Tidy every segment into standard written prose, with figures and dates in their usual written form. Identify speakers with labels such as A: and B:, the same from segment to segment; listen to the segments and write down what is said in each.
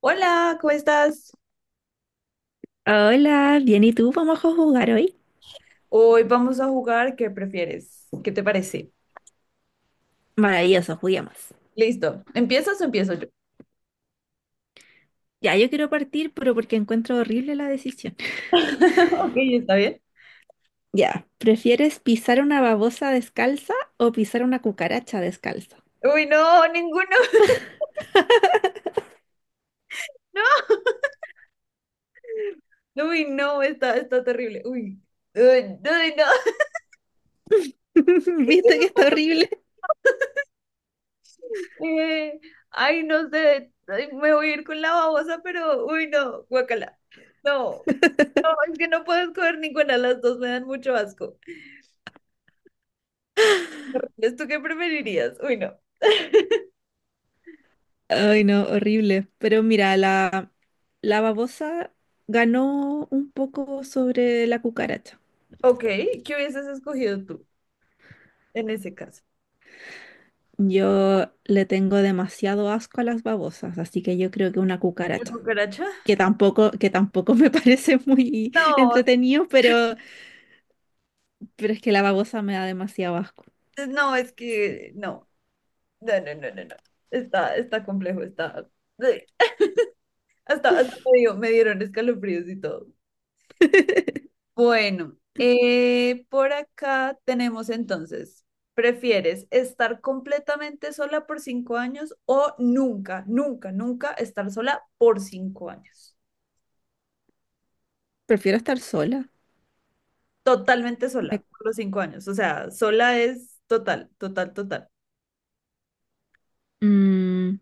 A: Hola, ¿cómo estás?
B: Hola, bien, ¿y tú? ¿Vamos a jugar hoy?
A: Hoy vamos a jugar, ¿qué prefieres? ¿Qué te parece?
B: Maravilloso, juguemos.
A: Listo. ¿Empiezas o empiezo yo?
B: Ya, yo quiero partir, pero porque encuentro horrible la decisión.
A: Ok, está bien.
B: Ya, ¿prefieres pisar una babosa descalza o pisar una cucaracha descalza?
A: Uy, no, ninguno. No. Uy, no, está terrible. Uy. Uy, uy, no.
B: ¿Viste que está horrible?
A: Eh, ay, no sé. Ay, me voy a ir con la babosa, pero uy, no, guacala. No. No, es que no puedo escoger ninguna, las dos me dan mucho asco. ¿Esto qué preferirías? Uy, no.
B: Ay, no, horrible. Pero mira, la babosa ganó un poco sobre la cucaracha.
A: Ok, ¿qué hubieses escogido tú en ese caso?
B: Yo le tengo demasiado asco a las babosas, así que yo creo que una
A: ¿La
B: cucaracha.
A: cucaracha?
B: Que tampoco me parece muy
A: No,
B: entretenido, pero es que la babosa me da demasiado asco.
A: no, es que no, no, no, no, no, no. Está complejo, está. eh, hasta me dieron escalofríos y todo. Bueno, por acá tenemos entonces, ¿prefieres estar completamente sola por 5 años o nunca, nunca, nunca estar sola por 5 años?
B: Prefiero estar sola.
A: Totalmente sola
B: Me-
A: por los 5 años. O sea, sola es total, total, total.
B: Mm,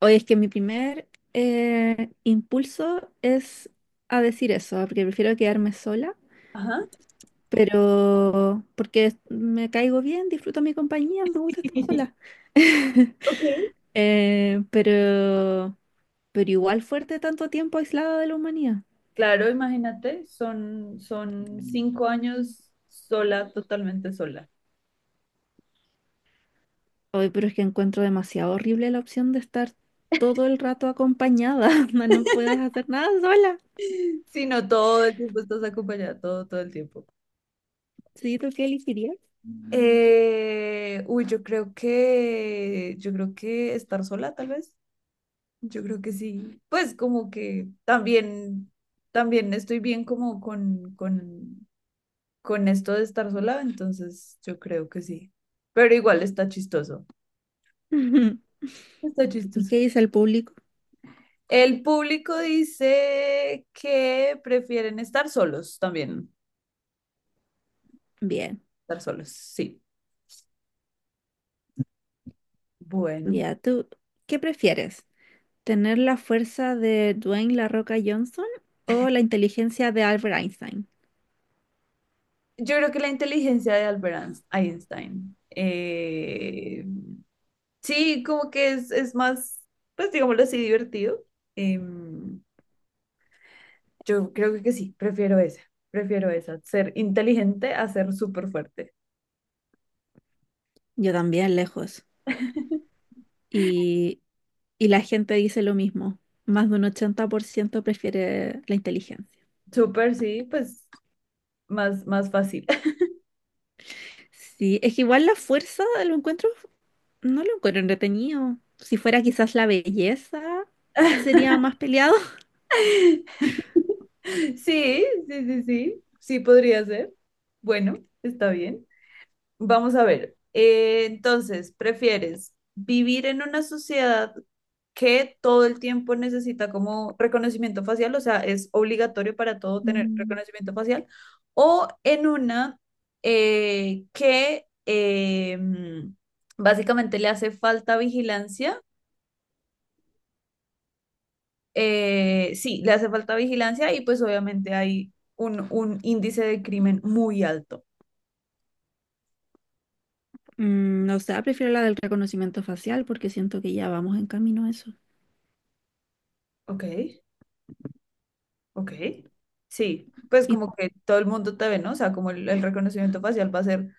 B: oye, es que mi primer impulso es a decir eso, porque prefiero quedarme sola,
A: Ajá.
B: pero porque me caigo bien, disfruto mi compañía, me gusta estar sola.
A: Ok.
B: Eh, pero, pero igual fuerte tanto tiempo aislada de la humanidad.
A: Claro, imagínate, son cinco años sola, totalmente sola.
B: Hoy, pero es que encuentro demasiado horrible la opción de estar todo el rato acompañada. Onda, no puedes hacer nada sola.
A: Sino todo el tiempo estás acompañada, todo, todo el tiempo.
B: ¿Sí, tú qué elegirías?
A: Uy, yo creo que estar sola, tal vez. Yo creo que sí. Pues como que también, también estoy bien como con esto de estar sola, entonces yo creo que sí. Pero igual está chistoso. Está
B: ¿Y
A: chistoso.
B: qué dice el público?
A: El público dice que prefieren estar solos también.
B: Bien,
A: Estar solos, sí. Bueno.
B: ya tú, ¿qué prefieres? ¿Tener la fuerza de Dwayne La Roca Johnson o la inteligencia de Albert Einstein?
A: Yo creo que la inteligencia de Einstein. Sí, como que es más, pues digámoslo así, divertido. Em, yo creo que sí, prefiero esa. Prefiero esa. Ser inteligente a ser súper fuerte.
B: Yo también, lejos. Y, y la gente dice lo mismo. Más de un 80% prefiere la inteligencia.
A: Súper, sí, pues más fácil.
B: Sí, es que igual la fuerza lo encuentro. No lo encuentro entretenido. Si fuera quizás la belleza, sería más peleado.
A: Sí, sí, sí, sí. Sí podría ser. Bueno, está bien. Vamos a ver. Entonces, ¿prefieres vivir en una sociedad que todo el tiempo necesita como reconocimiento facial? O sea, es obligatorio para todo tener
B: Mm,
A: reconocimiento facial. O en una eh, que eh, mm, básicamente le hace falta vigilancia. Sí, le hace falta vigilancia y pues obviamente hay un índice de crimen muy alto.
B: no sé, prefiero la del reconocimiento facial porque siento que ya vamos en camino a eso.
A: Ok. Ok, sí, pues
B: Y,
A: como que todo el mundo te ve, ¿no? O sea, como el reconocimiento facial va a ser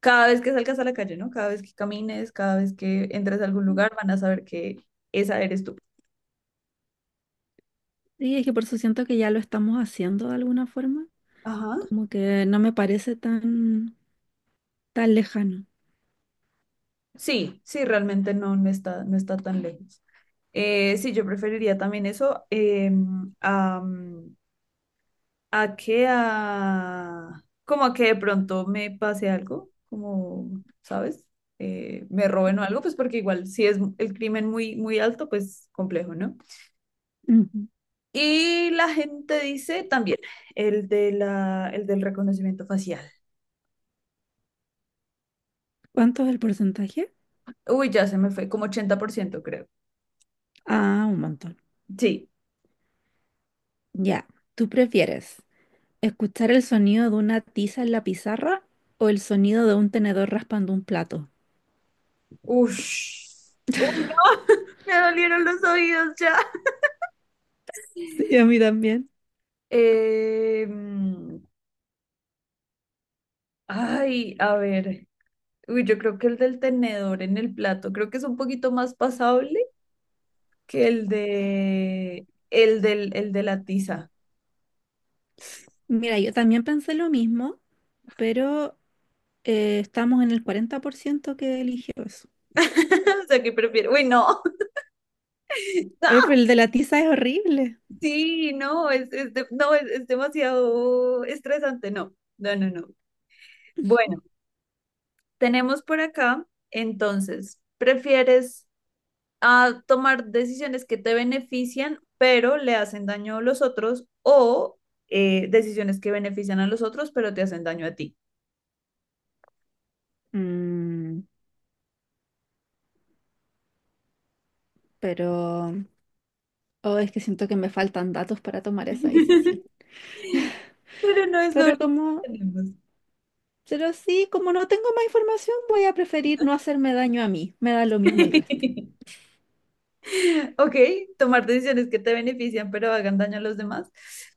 A: cada vez que salgas a la calle, ¿no? Cada vez que camines, cada vez que entres a algún lugar, van a saber que esa eres tú.
B: y es que por eso siento que ya lo estamos haciendo de alguna forma.
A: Ajá.
B: Como que no me parece tan lejano.
A: Sí, sí, realmente no, no está tan lejos. Sí, yo preferiría también eso. A que a como a que de pronto me pase algo, como, ¿sabes? Me roben o algo, pues porque igual si es el crimen muy muy alto, pues complejo, ¿no?
B: Ujú.
A: Y la gente dice también el de la el del reconocimiento facial.
B: ¿Cuánto es el porcentaje?
A: Uy, ya se me fue, como 80% creo.
B: Ah, un montón.
A: Sí.
B: Ya, ¿tú prefieres escuchar el sonido de una tiza en la pizarra o el sonido de un tenedor raspando un plato?
A: Ush. Uy, no, me dolieron los oídos ya.
B: Sí, a mí también.
A: Em, ay, a ver. Uy, yo creo que el del tenedor en el plato, creo que es un poquito más pasable que el de la tiza.
B: Mira, yo también pensé lo mismo, pero estamos en el 40% que eligió eso.
A: O sea, que prefiero. Uy, no.
B: Oye, pero el de la tiza es horrible.
A: Sí, no, no, es demasiado estresante, no, no, no, no. Bueno, tenemos por acá, entonces, ¿prefieres tomar decisiones que te benefician, pero le hacen daño a los otros, o decisiones que benefician a los otros, pero te hacen daño a ti?
B: Mm, pero oh, es que siento que me faltan datos para tomar esa decisión.
A: Pero no es lo
B: Pero
A: único
B: como,
A: que tenemos.
B: pero sí, como no tengo más información, voy a preferir no hacerme daño a mí. Me da lo mismo el resto.
A: Ok, tomar decisiones que te benefician pero hagan daño a los demás.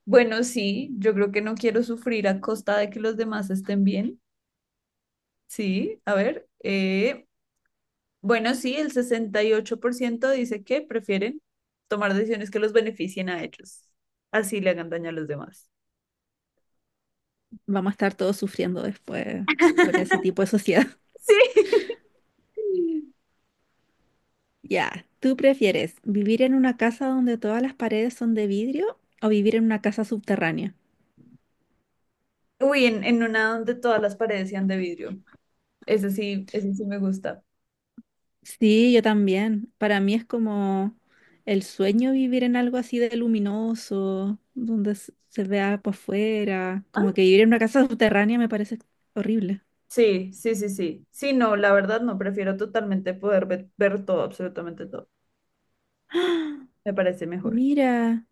A: Bueno, sí, yo creo que no quiero sufrir a costa de que los demás estén bien. Sí, a ver. Bueno, sí, el 68% dice que prefieren tomar decisiones que los beneficien a ellos. Así le hagan daño a los demás.
B: Vamos a estar todos sufriendo después por ese tipo de sociedad.
A: Sí.
B: Ya, ¿tú prefieres vivir en una casa donde todas las paredes son de vidrio o vivir en una casa subterránea?
A: Uy, en una donde todas las paredes sean de vidrio. Ese sí me gusta.
B: Sí, yo también. Para mí es como el sueño vivir en algo así de luminoso, donde se vea por fuera. Como que vivir en una casa subterránea me parece horrible.
A: Sí, sí, sí, sí. Sí, no, la verdad no, prefiero totalmente poder ver, todo, absolutamente todo. Me parece mejor.
B: Mira,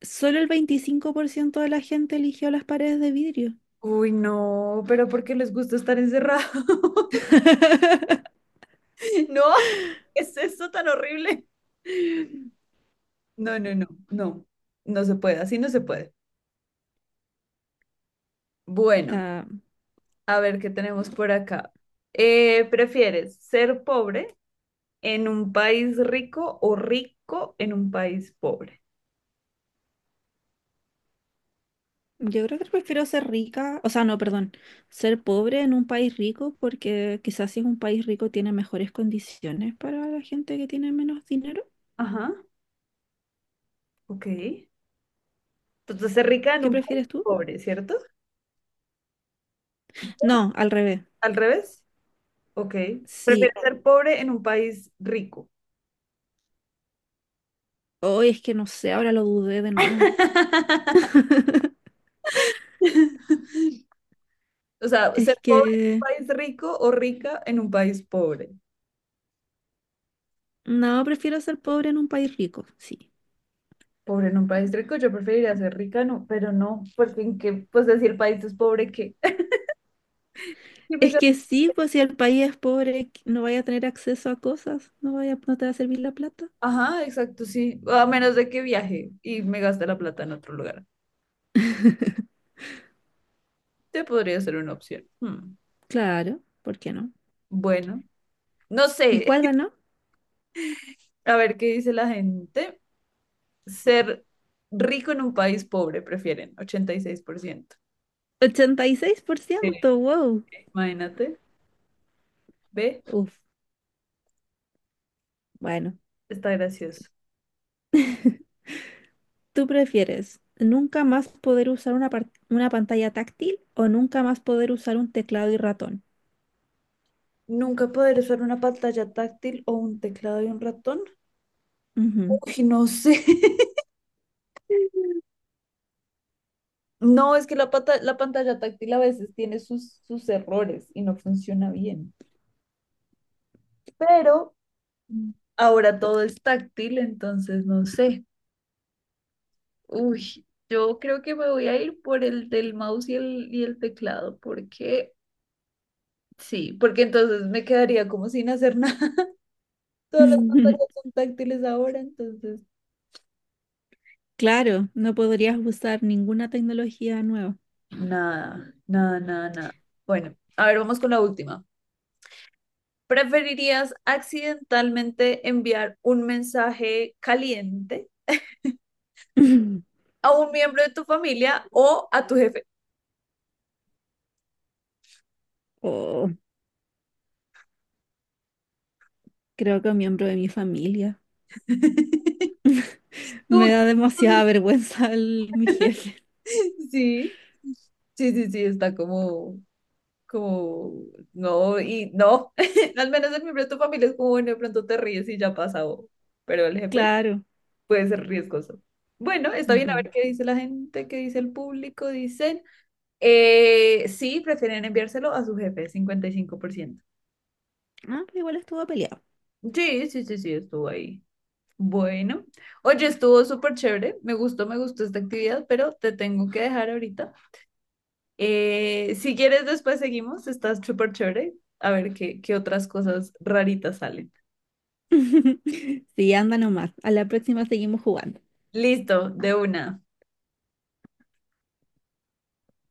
B: solo el 25% de la gente eligió las paredes de vidrio.
A: Uy, no, pero ¿por qué les gusta estar encerrados? No, ¿qué es eso tan horrible? No, no, no, no, no se puede, así no se puede. Bueno,
B: Está-
A: a ver qué tenemos por acá. ¿Prefieres ser pobre en un país rico o rico en un país pobre?
B: Yo creo que prefiero ser rica, o sea, no, perdón, ser pobre en un país rico porque quizás si es un país rico tiene mejores condiciones para la gente que tiene menos dinero.
A: Ajá, ok. Entonces, ser rica en
B: ¿Qué
A: un país
B: prefieres tú?
A: pobre, ¿cierto?
B: No, al revés.
A: ¿Al revés? Ok.
B: Sí,
A: Prefieres ser pobre en un país rico.
B: hoy es que no sé, ahora lo dudé de nuevo.
A: O sea, ser
B: Es
A: pobre en
B: que
A: un país rico o rica en un país pobre.
B: no, prefiero ser pobre en un país rico, sí.
A: Pobre en un país rico, yo preferiría ser rica, no, pero no, porque en qué, pues decir el país es pobre, ¿qué? Y me
B: Es
A: ga-
B: que sí, pues si el país es pobre, no vaya a tener acceso a cosas, no vaya, no te va a servir la plata.
A: Ajá, exacto, sí. A menos de que viaje y me gaste la plata en otro lugar. Te podría ser una opción. Hmm,
B: Claro, ¿por qué no?
A: bueno, no
B: ¿Y
A: sé.
B: cuál ganó?
A: A ver qué dice la gente. Ser rico en un país pobre, prefieren, 86%.
B: Ochenta y seis por
A: Sí.
B: ciento. Wow.
A: Imagínate, ve,
B: Uf, bueno,
A: está gracioso.
B: ¿tú prefieres nunca más poder usar una pantalla táctil o nunca más poder usar un teclado y ratón?
A: Nunca poder usar una pantalla táctil o un teclado y un ratón.
B: Ujú.
A: Uy, no sé. No, es que la pantalla táctil a veces tiene sus errores y no funciona bien. Pero ahora todo es táctil, entonces no sé. Uy, yo creo que me voy a ir por el del mouse y el teclado, porque sí, porque entonces me quedaría como sin hacer nada. Todas las
B: Mm.
A: pantallas son táctiles ahora, entonces.
B: Claro, no podrías usar ninguna tecnología nueva.
A: Nada, nada, nada, nada. Bueno, a ver, vamos con la última. ¿Preferirías accidentalmente enviar un mensaje caliente a un miembro de tu familia o a tu jefe?
B: Oh, creo que un miembro de mi familia.
A: ¿Tú
B: Me da
A: qué-
B: demasiada vergüenza mi jefe.
A: Sí, sí, sí, sí, está como, como, no, y no. Al menos el miembro de tu familia es como, bueno, de pronto te ríes y ya pasa, o- pero el jefe
B: Claro.
A: puede ser riesgoso. Bueno, está bien, a
B: Ujú.
A: ver qué dice la gente, qué dice el público. Dicen, sí, prefieren enviárselo a su jefe, 55%.
B: Ah, pero igual estuvo peleado.
A: Sí, sí, sí, sí, estuvo ahí. Bueno, oye, estuvo súper chévere, me gustó esta actividad, pero te tengo que dejar ahorita. Si quieres, después seguimos, estás súper chévere, a ver qué, qué otras cosas raritas salen.
B: Sí, anda nomás. A la próxima seguimos jugando.
A: Listo, de una.